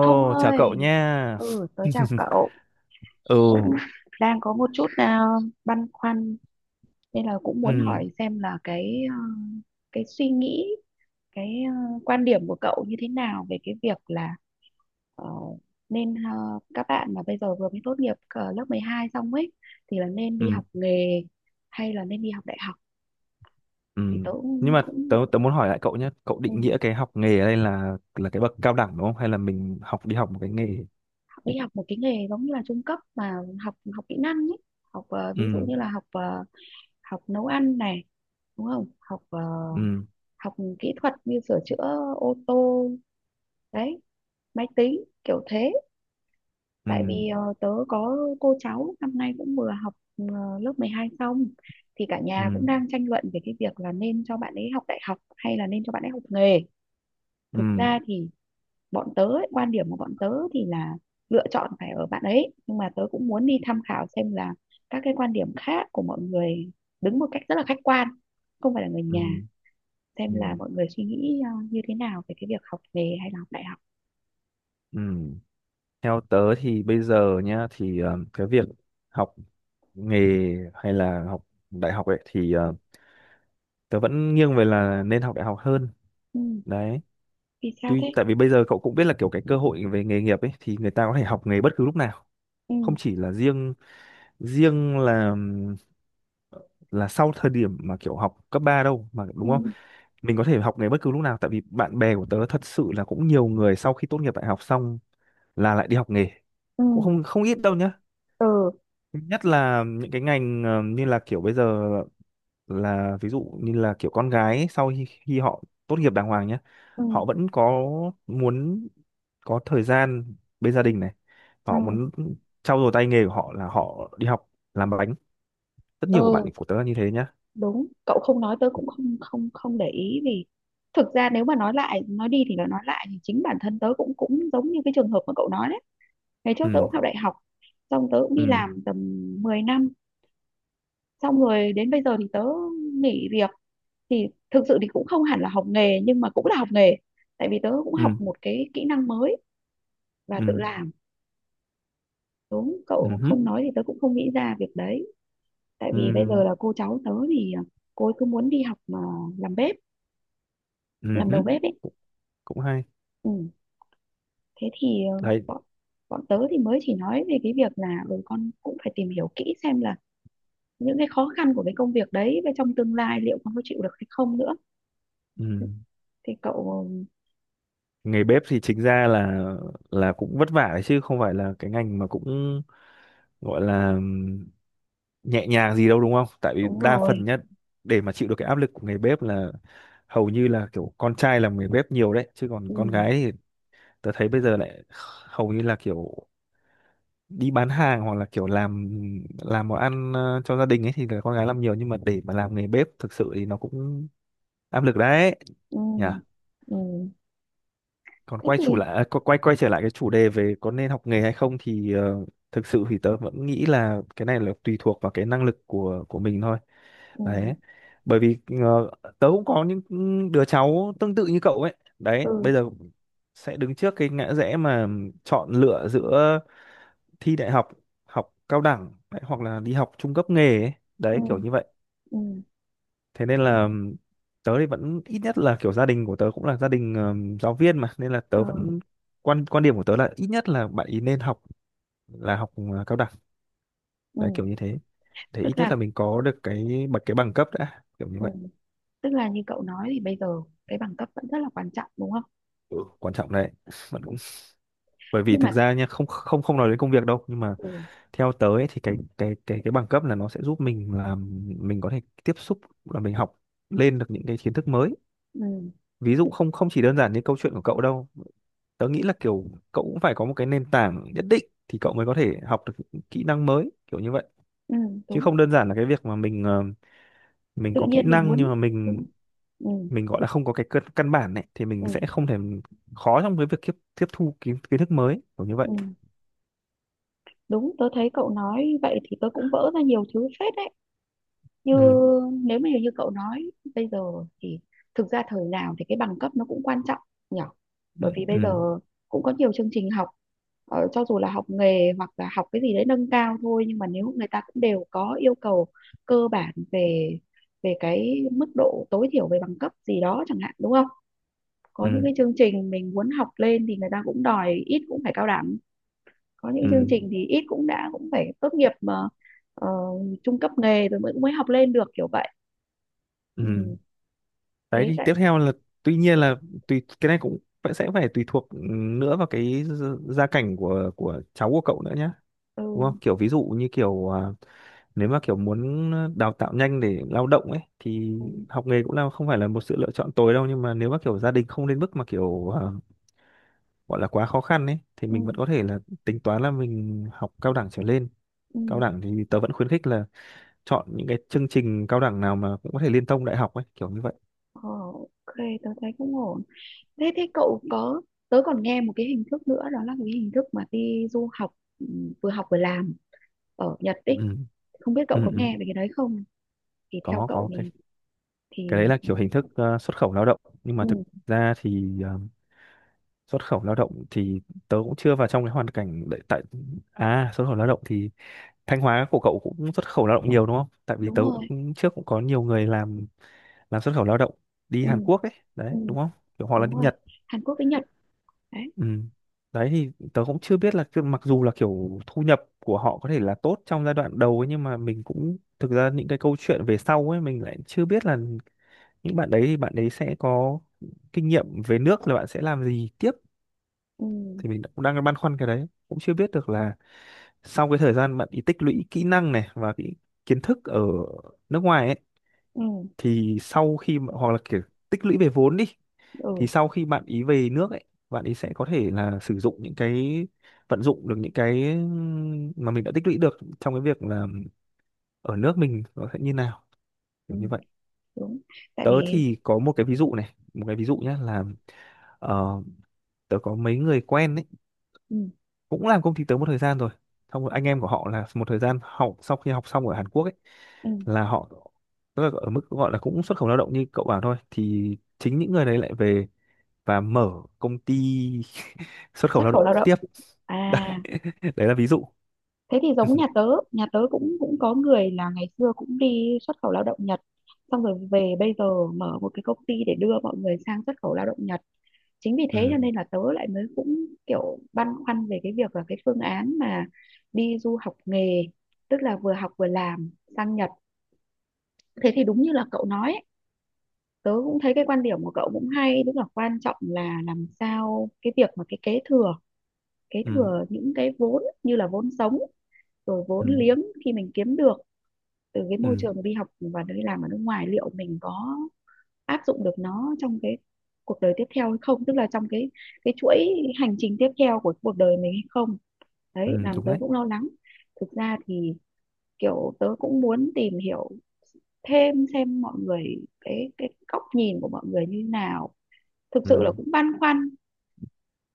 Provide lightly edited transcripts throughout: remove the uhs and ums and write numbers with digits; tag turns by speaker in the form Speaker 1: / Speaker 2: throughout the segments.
Speaker 1: Thông
Speaker 2: chào cậu
Speaker 1: ơi,
Speaker 2: nha.
Speaker 1: tớ chào cậu, cũng
Speaker 2: Ừ,
Speaker 1: đang có một chút băn khoăn nên là cũng muốn
Speaker 2: ừ,
Speaker 1: hỏi xem là cái suy nghĩ, cái à, quan điểm của cậu như thế nào về cái việc là ờ, nên à, các bạn mà bây giờ vừa mới tốt nghiệp lớp 12 xong ấy thì là nên đi
Speaker 2: ừ,
Speaker 1: học nghề hay là nên đi học đại học
Speaker 2: ừ.
Speaker 1: thì tớ
Speaker 2: Nhưng
Speaker 1: cũng,
Speaker 2: mà
Speaker 1: cũng
Speaker 2: tớ muốn hỏi lại cậu nhé. Cậu
Speaker 1: ừ,
Speaker 2: định nghĩa cái học nghề ở đây là cái bậc cao đẳng đúng không? Hay là mình đi học một cái nghề?
Speaker 1: đi học một cái nghề giống như là trung cấp mà học học kỹ năng ấy, ví dụ
Speaker 2: Ừ,
Speaker 1: như là học nấu ăn này đúng không
Speaker 2: ừ,
Speaker 1: học kỹ thuật như sửa chữa ô tô đấy máy tính kiểu thế,
Speaker 2: ừ,
Speaker 1: tại vì tớ có cô cháu năm nay cũng vừa học lớp 12 xong thì cả nhà cũng
Speaker 2: ừ,
Speaker 1: đang tranh luận về cái việc là nên cho bạn ấy học đại học hay là nên cho bạn ấy học nghề. Thực
Speaker 2: ừ,
Speaker 1: ra thì bọn tớ ấy, quan điểm của bọn tớ thì là lựa chọn phải ở bạn ấy nhưng mà tớ cũng muốn đi tham khảo xem là các cái quan điểm khác của mọi người, đứng một cách rất là khách quan không phải là người
Speaker 2: ừ,
Speaker 1: nhà,
Speaker 2: ừ,
Speaker 1: xem là mọi người suy nghĩ như thế nào về cái việc học nghề hay là học đại học.
Speaker 2: ừ. Theo tớ thì bây giờ nhá, thì cái việc học nghề hay là học đại học ấy thì tớ vẫn nghiêng về là nên học đại học hơn.
Speaker 1: Ừ.
Speaker 2: Đấy,
Speaker 1: Vì sao thế?
Speaker 2: tại vì bây giờ cậu cũng biết là kiểu cái cơ hội về nghề nghiệp ấy thì người ta có thể học nghề bất cứ lúc nào,
Speaker 1: Ừ.
Speaker 2: không chỉ là riêng riêng là sau thời điểm mà kiểu học cấp 3 đâu mà, đúng
Speaker 1: Ừ.
Speaker 2: không? Mình có thể học nghề bất cứ lúc nào, tại vì bạn bè của tớ thật sự là cũng nhiều người sau khi tốt nghiệp đại học xong là lại đi học nghề,
Speaker 1: Ừ.
Speaker 2: cũng không không ít đâu nhá.
Speaker 1: Ừ.
Speaker 2: Nhất là những cái ngành như là kiểu bây giờ là ví dụ như là kiểu con gái ấy, khi họ tốt nghiệp đàng hoàng nhé,
Speaker 1: Ừ.
Speaker 2: họ vẫn có muốn có thời gian bên gia đình này,
Speaker 1: Ừ.
Speaker 2: họ muốn trau dồi tay nghề của họ là họ đi học làm bánh. Rất nhiều của bạn
Speaker 1: Ừ.
Speaker 2: của tớ là như thế nhá.
Speaker 1: Đúng, cậu không nói tớ cũng không không không để ý, vì thực ra nếu mà nói lại nói đi thì nó nói lại thì chính bản thân tớ cũng cũng giống như cái trường hợp mà cậu nói đấy. Ngày trước tớ
Speaker 2: Ừ,
Speaker 1: cũng học đại học, xong tớ cũng đi
Speaker 2: ừ,
Speaker 1: làm tầm 10 năm, xong rồi đến bây giờ thì tớ nghỉ việc, thì thực sự thì cũng không hẳn là học nghề nhưng mà cũng là học nghề, tại vì tớ cũng
Speaker 2: ừ,
Speaker 1: học một cái kỹ năng mới và tự
Speaker 2: ừ,
Speaker 1: làm. Đúng
Speaker 2: ừ
Speaker 1: cậu
Speaker 2: hứ,
Speaker 1: không nói thì tớ cũng không nghĩ ra việc đấy. Tại vì bây
Speaker 2: ừ,
Speaker 1: giờ là cô cháu tớ thì cô ấy cứ muốn đi học mà làm bếp,
Speaker 2: ừ
Speaker 1: làm
Speaker 2: hứ.
Speaker 1: đầu bếp ấy.
Speaker 2: Cũng cũng hay
Speaker 1: Ừ. Thế thì
Speaker 2: đấy.
Speaker 1: bọn bọn tớ thì mới chỉ nói về cái việc là ừ, con cũng phải tìm hiểu kỹ xem là những cái khó khăn của cái công việc đấy và trong tương lai liệu con có chịu được hay không nữa.
Speaker 2: Ừ.
Speaker 1: Thì cậu
Speaker 2: Nghề bếp thì chính ra là cũng vất vả đấy, chứ không phải là cái ngành mà cũng gọi là nhẹ nhàng gì đâu, đúng không? Tại vì
Speaker 1: đúng
Speaker 2: đa
Speaker 1: rồi.
Speaker 2: phần nhất, để mà chịu được cái áp lực của nghề bếp là hầu như là kiểu con trai làm nghề bếp nhiều đấy, chứ còn con
Speaker 1: Ừ.
Speaker 2: gái thì tớ thấy bây giờ lại hầu như là kiểu đi bán hàng hoặc là kiểu làm món ăn cho gia đình ấy, thì là con gái làm nhiều, nhưng mà để mà làm nghề bếp thực sự thì nó cũng áp lực đấy
Speaker 1: Ừ.
Speaker 2: nhỉ.
Speaker 1: Ừ.
Speaker 2: Còn
Speaker 1: Thế
Speaker 2: quay chủ
Speaker 1: thì
Speaker 2: lại à, qu- quay quay trở lại cái chủ đề về có nên học nghề hay không thì thực sự thì tớ vẫn nghĩ là cái này là tùy thuộc vào cái năng lực của mình thôi.
Speaker 1: ừ.
Speaker 2: Đấy, bởi vì tớ cũng có những đứa cháu tương tự như cậu ấy đấy,
Speaker 1: Ừ.
Speaker 2: bây giờ sẽ đứng trước cái ngã rẽ mà chọn lựa giữa thi đại học, học cao đẳng đấy, hoặc là đi học trung cấp nghề ấy.
Speaker 1: Ừ.
Speaker 2: Đấy kiểu như vậy.
Speaker 1: Ừ.
Speaker 2: Thế nên là tớ thì vẫn, ít nhất là kiểu gia đình của tớ cũng là gia đình giáo viên mà, nên là
Speaker 1: Ờ.
Speaker 2: tớ vẫn, quan quan điểm của tớ là ít nhất là bạn ý nên học, là học cao đẳng.
Speaker 1: Ừ.
Speaker 2: Đấy kiểu như thế, thì
Speaker 1: Tức
Speaker 2: ít nhất
Speaker 1: là
Speaker 2: là mình có được cái bằng cấp đã, kiểu như
Speaker 1: ừ.
Speaker 2: vậy.
Speaker 1: Tức là như cậu nói thì bây giờ cái bằng cấp vẫn rất là quan trọng, đúng không?
Speaker 2: Ừ, quan trọng đấy, bạn cũng, bởi vì
Speaker 1: Nhưng mà
Speaker 2: thực ra nha, không không không nói đến công việc đâu nhưng mà
Speaker 1: ừ,
Speaker 2: theo tớ ấy, thì cái bằng cấp là nó sẽ giúp mình là mình có thể tiếp xúc, là mình học lên được những cái kiến thức mới.
Speaker 1: ừ,
Speaker 2: Ví dụ, không không chỉ đơn giản như câu chuyện của cậu đâu, tớ nghĩ là kiểu cậu cũng phải có một cái nền tảng nhất định thì cậu mới có thể học được những kỹ năng mới, kiểu như vậy.
Speaker 1: ừ,
Speaker 2: Chứ
Speaker 1: đúng.
Speaker 2: không đơn giản là cái việc mà mình mình
Speaker 1: Tự
Speaker 2: có kỹ
Speaker 1: nhiên mình
Speaker 2: năng nhưng
Speaker 1: muốn
Speaker 2: mà mình
Speaker 1: đúng. Ừ,
Speaker 2: mình gọi là không có cái căn căn bản này thì mình
Speaker 1: ừ,
Speaker 2: sẽ không thể, khó trong cái việc tiếp tiếp thu kiến kiến thức mới, kiểu như vậy.
Speaker 1: ừ, đúng. Tớ thấy cậu nói vậy thì tớ cũng vỡ ra nhiều thứ phết đấy. Như
Speaker 2: Ừ,
Speaker 1: nếu mà như cậu nói bây giờ thì thực ra thời nào thì cái bằng cấp nó cũng quan trọng nhở. Bởi
Speaker 2: ừ,
Speaker 1: vì bây giờ
Speaker 2: ừ,
Speaker 1: cũng có nhiều chương trình học, cho dù là học nghề hoặc là học cái gì đấy nâng cao thôi, nhưng mà nếu người ta cũng đều có yêu cầu cơ bản về về cái mức độ tối thiểu về bằng cấp gì đó chẳng hạn, đúng không. Có những
Speaker 2: ừ,
Speaker 1: cái chương trình mình muốn học lên thì người ta cũng đòi ít cũng phải cao đẳng. Có những
Speaker 2: ừ,
Speaker 1: chương trình thì ít cũng đã cũng phải tốt nghiệp mà ờ, trung cấp nghề rồi mới mới học lên được kiểu vậy.
Speaker 2: ừ.
Speaker 1: Ừ.
Speaker 2: Đấy
Speaker 1: Thế
Speaker 2: thì
Speaker 1: tại
Speaker 2: tiếp theo là, tuy nhiên là tùy, cái này cũng sẽ phải tùy thuộc nữa vào cái gia gia cảnh của cháu của cậu nữa nhá, đúng
Speaker 1: ừ.
Speaker 2: không? Kiểu ví dụ như kiểu nếu mà kiểu muốn đào tạo nhanh để lao động ấy, thì
Speaker 1: Ừ.
Speaker 2: học nghề cũng là không phải là một sự lựa chọn tối đâu, nhưng mà nếu mà kiểu gia đình không đến mức mà kiểu gọi là quá khó khăn ấy, thì
Speaker 1: Ừ.
Speaker 2: mình vẫn có thể là tính toán là mình học cao đẳng trở lên. Cao
Speaker 1: Ừ.
Speaker 2: đẳng thì tớ vẫn khuyến khích là chọn những cái chương trình cao đẳng nào mà cũng có thể liên thông đại học ấy, kiểu như vậy.
Speaker 1: Ờ, ok, tớ thấy cũng ổn. Thế thế cậu có, tớ còn nghe một cái hình thức nữa đó là cái hình thức mà đi du học, ừ, vừa học vừa làm ở Nhật
Speaker 2: Ừ,
Speaker 1: ấy, không biết cậu
Speaker 2: ừ,
Speaker 1: có
Speaker 2: ừ.
Speaker 1: nghe về cái đấy không, thì theo
Speaker 2: có
Speaker 1: cậu
Speaker 2: có cái cái
Speaker 1: thì
Speaker 2: đấy là kiểu hình thức xuất khẩu lao động, nhưng mà
Speaker 1: ừ,
Speaker 2: thực ra thì xuất khẩu lao động thì tớ cũng chưa vào trong cái hoàn cảnh đấy. À xuất khẩu lao động thì Thanh Hóa của cậu cũng xuất khẩu lao động nhiều, đúng không? Tại vì
Speaker 1: đúng
Speaker 2: tớ
Speaker 1: rồi.
Speaker 2: cũng, trước cũng có nhiều người làm xuất khẩu lao động đi
Speaker 1: Ừ,
Speaker 2: Hàn Quốc ấy,
Speaker 1: ừ,
Speaker 2: đấy, đúng không? Kiểu hoặc là
Speaker 1: đúng
Speaker 2: đi
Speaker 1: rồi.
Speaker 2: Nhật.
Speaker 1: Hàn Quốc với Nhật đấy.
Speaker 2: Ừ. Đấy thì tớ cũng chưa biết là mặc dù là kiểu thu nhập của họ có thể là tốt trong giai đoạn đầu ấy, nhưng mà mình cũng, thực ra những cái câu chuyện về sau ấy mình lại chưa biết là những bạn đấy thì bạn đấy sẽ có kinh nghiệm về nước, là bạn sẽ làm gì tiếp.
Speaker 1: Ừ,
Speaker 2: Thì mình cũng đang băn khoăn cái đấy, cũng chưa biết được là sau cái thời gian bạn đi tích lũy kỹ năng này, và cái kiến thức ở nước ngoài ấy,
Speaker 1: ừ,
Speaker 2: thì sau khi hoặc là kiểu tích lũy về vốn đi, thì
Speaker 1: ừ,
Speaker 2: sau khi bạn ý về nước ấy, bạn ý sẽ có thể là sử dụng những cái vận dụng được những cái mà mình đã tích lũy được trong cái việc là ở nước mình, nó sẽ như nào,
Speaker 1: ừ,
Speaker 2: kiểu như vậy.
Speaker 1: đúng. Tại
Speaker 2: Tớ
Speaker 1: vì
Speaker 2: thì có một cái ví dụ nhé, là ờ, tớ có mấy người quen ấy,
Speaker 1: ừ,
Speaker 2: cũng làm công ty tớ một thời gian rồi. Xong rồi anh em của họ là một thời gian học, sau khi học xong ở Hàn Quốc ấy,
Speaker 1: ừ,
Speaker 2: là họ, tức là ở mức gọi là cũng xuất khẩu lao động như cậu bảo thôi, thì chính những người đấy lại về và mở công ty xuất khẩu
Speaker 1: xuất
Speaker 2: lao
Speaker 1: khẩu
Speaker 2: động
Speaker 1: lao động
Speaker 2: tiếp.
Speaker 1: à.
Speaker 2: Đấy đấy là ví dụ.
Speaker 1: Thế thì giống nhà tớ, nhà tớ cũng cũng có người là ngày xưa cũng đi xuất khẩu lao động Nhật, xong rồi về bây giờ mở một cái công ty để đưa mọi người sang xuất khẩu lao động Nhật. Chính vì thế cho
Speaker 2: Ừ,
Speaker 1: nên là tớ lại mới cũng kiểu băn khoăn về cái việc là cái phương án mà đi du học nghề, tức là vừa học vừa làm sang Nhật. Thế thì đúng như là cậu nói ấy, tớ cũng thấy cái quan điểm của cậu cũng hay, tức là quan trọng là làm sao cái việc mà cái kế thừa kế
Speaker 2: ừ,
Speaker 1: thừa những cái vốn như là vốn sống rồi
Speaker 2: ừ,
Speaker 1: vốn liếng khi mình kiếm được từ cái môi
Speaker 2: ừ,
Speaker 1: trường đi học và đi làm ở nước ngoài liệu mình có áp dụng được nó trong cái cuộc đời tiếp theo hay không, tức là trong cái chuỗi hành trình tiếp theo của cuộc đời mình hay không.
Speaker 2: ừ,
Speaker 1: Đấy làm
Speaker 2: đúng
Speaker 1: tớ
Speaker 2: đấy,
Speaker 1: cũng lo lắng. Thực ra thì kiểu tớ cũng muốn tìm hiểu thêm xem mọi người cái góc nhìn của mọi người như nào. Thực
Speaker 2: ừ,
Speaker 1: sự là cũng băn khoăn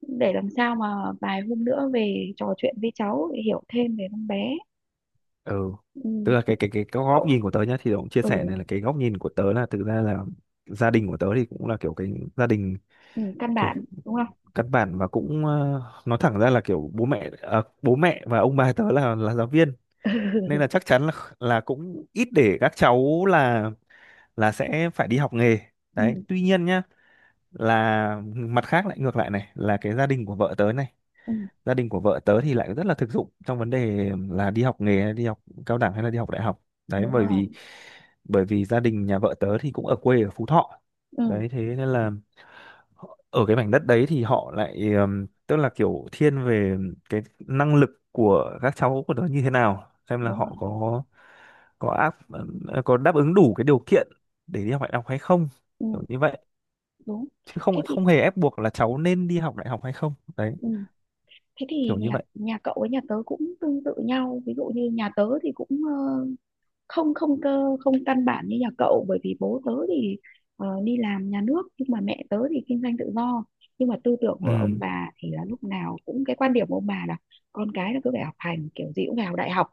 Speaker 1: để làm sao mà vài hôm nữa về trò chuyện với cháu để hiểu thêm về con bé.
Speaker 2: ừ. Tức
Speaker 1: Ừ,
Speaker 2: là cái góc
Speaker 1: cậu
Speaker 2: nhìn của tớ nhá, thì tớ cũng chia sẻ
Speaker 1: ừ,
Speaker 2: này là cái góc nhìn của tớ là thực ra là gia đình của tớ thì cũng là kiểu cái gia đình,
Speaker 1: ừ, căn
Speaker 2: kiểu
Speaker 1: bản đúng không.
Speaker 2: căn bản, và
Speaker 1: Ừ.
Speaker 2: cũng nói thẳng ra là kiểu bố mẹ và ông bà tớ là giáo viên, nên là chắc chắn là cũng ít để các cháu là sẽ phải đi học nghề.
Speaker 1: Ừ.
Speaker 2: Đấy tuy nhiên nhá, là mặt khác lại ngược lại này, là cái gia đình của vợ tớ này,
Speaker 1: Ừ.
Speaker 2: gia đình của vợ tớ thì lại rất là thực dụng trong vấn đề là đi học nghề hay đi học cao đẳng hay là đi học đại học. Đấy
Speaker 1: Đúng
Speaker 2: bởi
Speaker 1: rồi.
Speaker 2: vì, bởi vì gia đình nhà vợ tớ thì cũng ở quê ở Phú Thọ,
Speaker 1: Ừ.
Speaker 2: đấy thế nên là ở cái mảnh đất đấy thì họ lại tức là kiểu thiên về cái năng lực của các cháu của nó như thế nào, xem là
Speaker 1: Đúng rồi.
Speaker 2: họ có áp có đáp ứng đủ cái điều kiện để đi học đại học hay không,
Speaker 1: Ừ.
Speaker 2: kiểu như vậy.
Speaker 1: Đúng.
Speaker 2: Chứ
Speaker 1: Thế
Speaker 2: không
Speaker 1: thì
Speaker 2: không hề ép buộc là cháu nên đi học đại học hay không. Đấy
Speaker 1: ừ. Thế
Speaker 2: kiểu
Speaker 1: thì
Speaker 2: như
Speaker 1: nhà
Speaker 2: vậy.
Speaker 1: nhà cậu với nhà tớ cũng tương tự nhau, ví dụ như nhà tớ thì cũng không không cơ không căn bản như nhà cậu, bởi vì bố tớ thì đi làm nhà nước nhưng mà mẹ tớ thì kinh doanh tự do. Nhưng mà tư tưởng của ông
Speaker 2: Ừ,
Speaker 1: bà thì là lúc nào cũng cái quan điểm của ông bà là con cái là cứ phải học hành kiểu gì cũng phải học đại học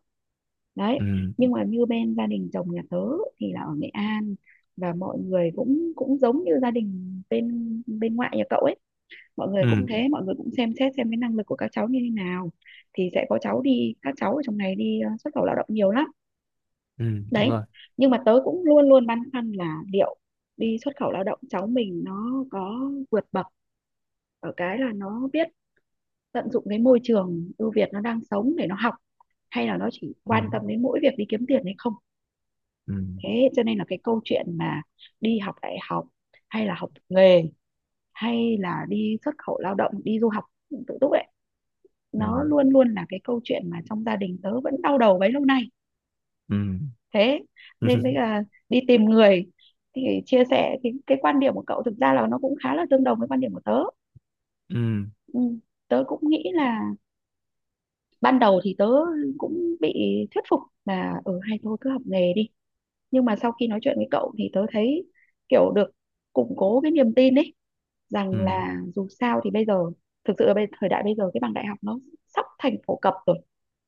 Speaker 1: đấy.
Speaker 2: ừ,
Speaker 1: Nhưng mà như bên gia đình chồng nhà tớ thì là ở Nghệ An, và mọi người cũng cũng giống như gia đình bên bên ngoại nhà cậu ấy, mọi người cũng ừ,
Speaker 2: ừ,
Speaker 1: thế mọi người cũng xem xét xem cái năng lực của các cháu như thế nào, thì sẽ có cháu đi, các cháu ở trong này đi xuất khẩu lao động nhiều lắm
Speaker 2: ừ, đúng
Speaker 1: đấy.
Speaker 2: rồi,
Speaker 1: Nhưng mà tớ cũng luôn luôn băn khoăn là liệu đi xuất khẩu lao động cháu mình nó có vượt bậc ở cái là nó biết tận dụng cái môi trường ưu việt nó đang sống để nó học hay là nó chỉ
Speaker 2: ừ,
Speaker 1: quan tâm đến mỗi việc đi kiếm tiền hay không.
Speaker 2: ừ,
Speaker 1: Thế cho nên là cái câu chuyện mà đi học đại học hay là học nghề hay là đi xuất khẩu lao động đi du học tự túc ấy,
Speaker 2: ừ,
Speaker 1: nó luôn luôn là cái câu chuyện mà trong gia đình tớ vẫn đau đầu bấy lâu nay.
Speaker 2: ừ,
Speaker 1: Thế nên bây
Speaker 2: ừ,
Speaker 1: giờ đi tìm người thì chia sẻ, thì cái quan điểm của cậu thực ra là nó cũng khá là tương đồng với quan điểm của tớ.
Speaker 2: ừ,
Speaker 1: Ừ. Tớ cũng nghĩ là ban đầu thì tớ cũng bị thuyết phục là ở ừ, hay thôi cứ học nghề đi, nhưng mà sau khi nói chuyện với cậu thì tớ thấy kiểu được củng cố cái niềm tin ấy,
Speaker 2: ừ,
Speaker 1: rằng là dù sao thì bây giờ thực sự là thời đại bây giờ cái bằng đại học nó sắp thành phổ cập rồi,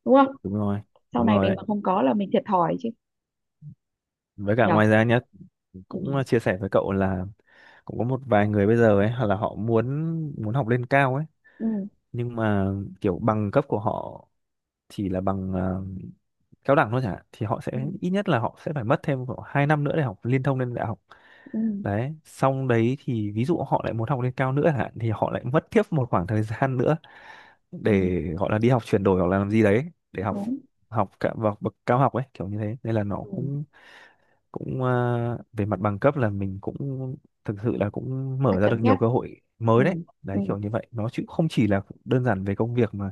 Speaker 1: đúng không.
Speaker 2: đúng rồi.
Speaker 1: Sau
Speaker 2: Đúng
Speaker 1: này
Speaker 2: rồi
Speaker 1: mình
Speaker 2: đấy,
Speaker 1: mà không có là mình thiệt thòi chứ
Speaker 2: với cả
Speaker 1: nhở.
Speaker 2: ngoài ra nhá,
Speaker 1: Ừ.
Speaker 2: cũng chia sẻ với cậu là cũng có một vài người bây giờ ấy, hoặc là họ muốn, muốn học lên cao ấy,
Speaker 1: Ừ.
Speaker 2: nhưng mà kiểu bằng cấp của họ chỉ là bằng cao đẳng thôi chẳng hạn, thì họ sẽ,
Speaker 1: Ừ.
Speaker 2: ít nhất là họ sẽ phải mất thêm khoảng 2 năm nữa để học liên thông lên đại học.
Speaker 1: Ừ.
Speaker 2: Đấy xong đấy thì ví dụ họ lại muốn học lên cao nữa chẳng hạn, thì họ lại mất tiếp một khoảng thời gian nữa
Speaker 1: Ừ.
Speaker 2: để gọi là đi học chuyển đổi hoặc là làm gì đấy để học
Speaker 1: Đúng.
Speaker 2: học cả vào bậc cao học ấy, kiểu như thế nên là nó
Speaker 1: Ừ.
Speaker 2: cũng cũng về mặt bằng cấp là mình cũng thực sự là cũng
Speaker 1: Phải
Speaker 2: mở ra
Speaker 1: cân
Speaker 2: được
Speaker 1: nhắc.
Speaker 2: nhiều cơ hội
Speaker 1: Ừ.
Speaker 2: mới đấy.
Speaker 1: Ừ.
Speaker 2: Đấy kiểu như vậy nó, chứ không chỉ là đơn giản về công việc mà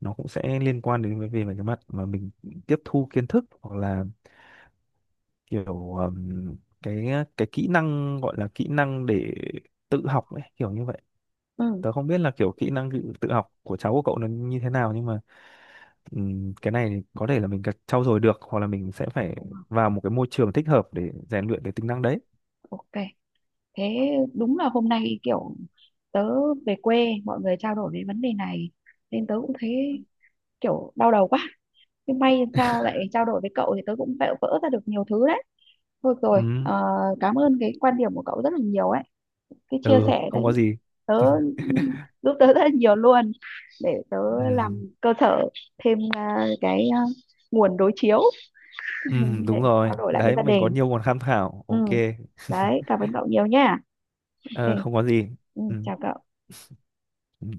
Speaker 2: nó cũng sẽ liên quan đến về về cái mặt mà mình tiếp thu kiến thức hoặc là kiểu cái cái kỹ năng, gọi là kỹ năng để tự học ấy, kiểu như vậy.
Speaker 1: Ừ.
Speaker 2: Tớ không biết là kiểu kỹ năng tự tự học của cháu của cậu nó như thế nào, nhưng mà cái này thì có thể là mình cần trau dồi được, hoặc là mình sẽ phải vào một cái môi trường thích hợp để rèn luyện cái tính năng đấy.
Speaker 1: Ok, thế đúng là hôm nay kiểu tớ về quê mọi người trao đổi về vấn đề này nên tớ cũng thấy kiểu đau đầu quá, nhưng may làm sao lại trao đổi với cậu thì tớ cũng vỡ vỡ ra được nhiều thứ đấy. Thôi rồi,
Speaker 2: Ừm,
Speaker 1: cảm ơn cái quan điểm của cậu rất là nhiều ấy. Cái chia
Speaker 2: ừ,
Speaker 1: sẻ đấy
Speaker 2: không có gì.
Speaker 1: tớ giúp tớ rất là nhiều luôn, để tớ làm
Speaker 2: Ừm,
Speaker 1: cơ sở thêm nguồn đối chiếu để
Speaker 2: đúng rồi
Speaker 1: trao đổi lại với
Speaker 2: đấy,
Speaker 1: gia
Speaker 2: mình có
Speaker 1: đình.
Speaker 2: nhiều nguồn tham khảo,
Speaker 1: Ừ,
Speaker 2: ok.
Speaker 1: đấy, cảm ơn cậu nhiều nha. Ok,
Speaker 2: Ờ, không có gì.
Speaker 1: ừ, chào cậu.
Speaker 2: Ừm.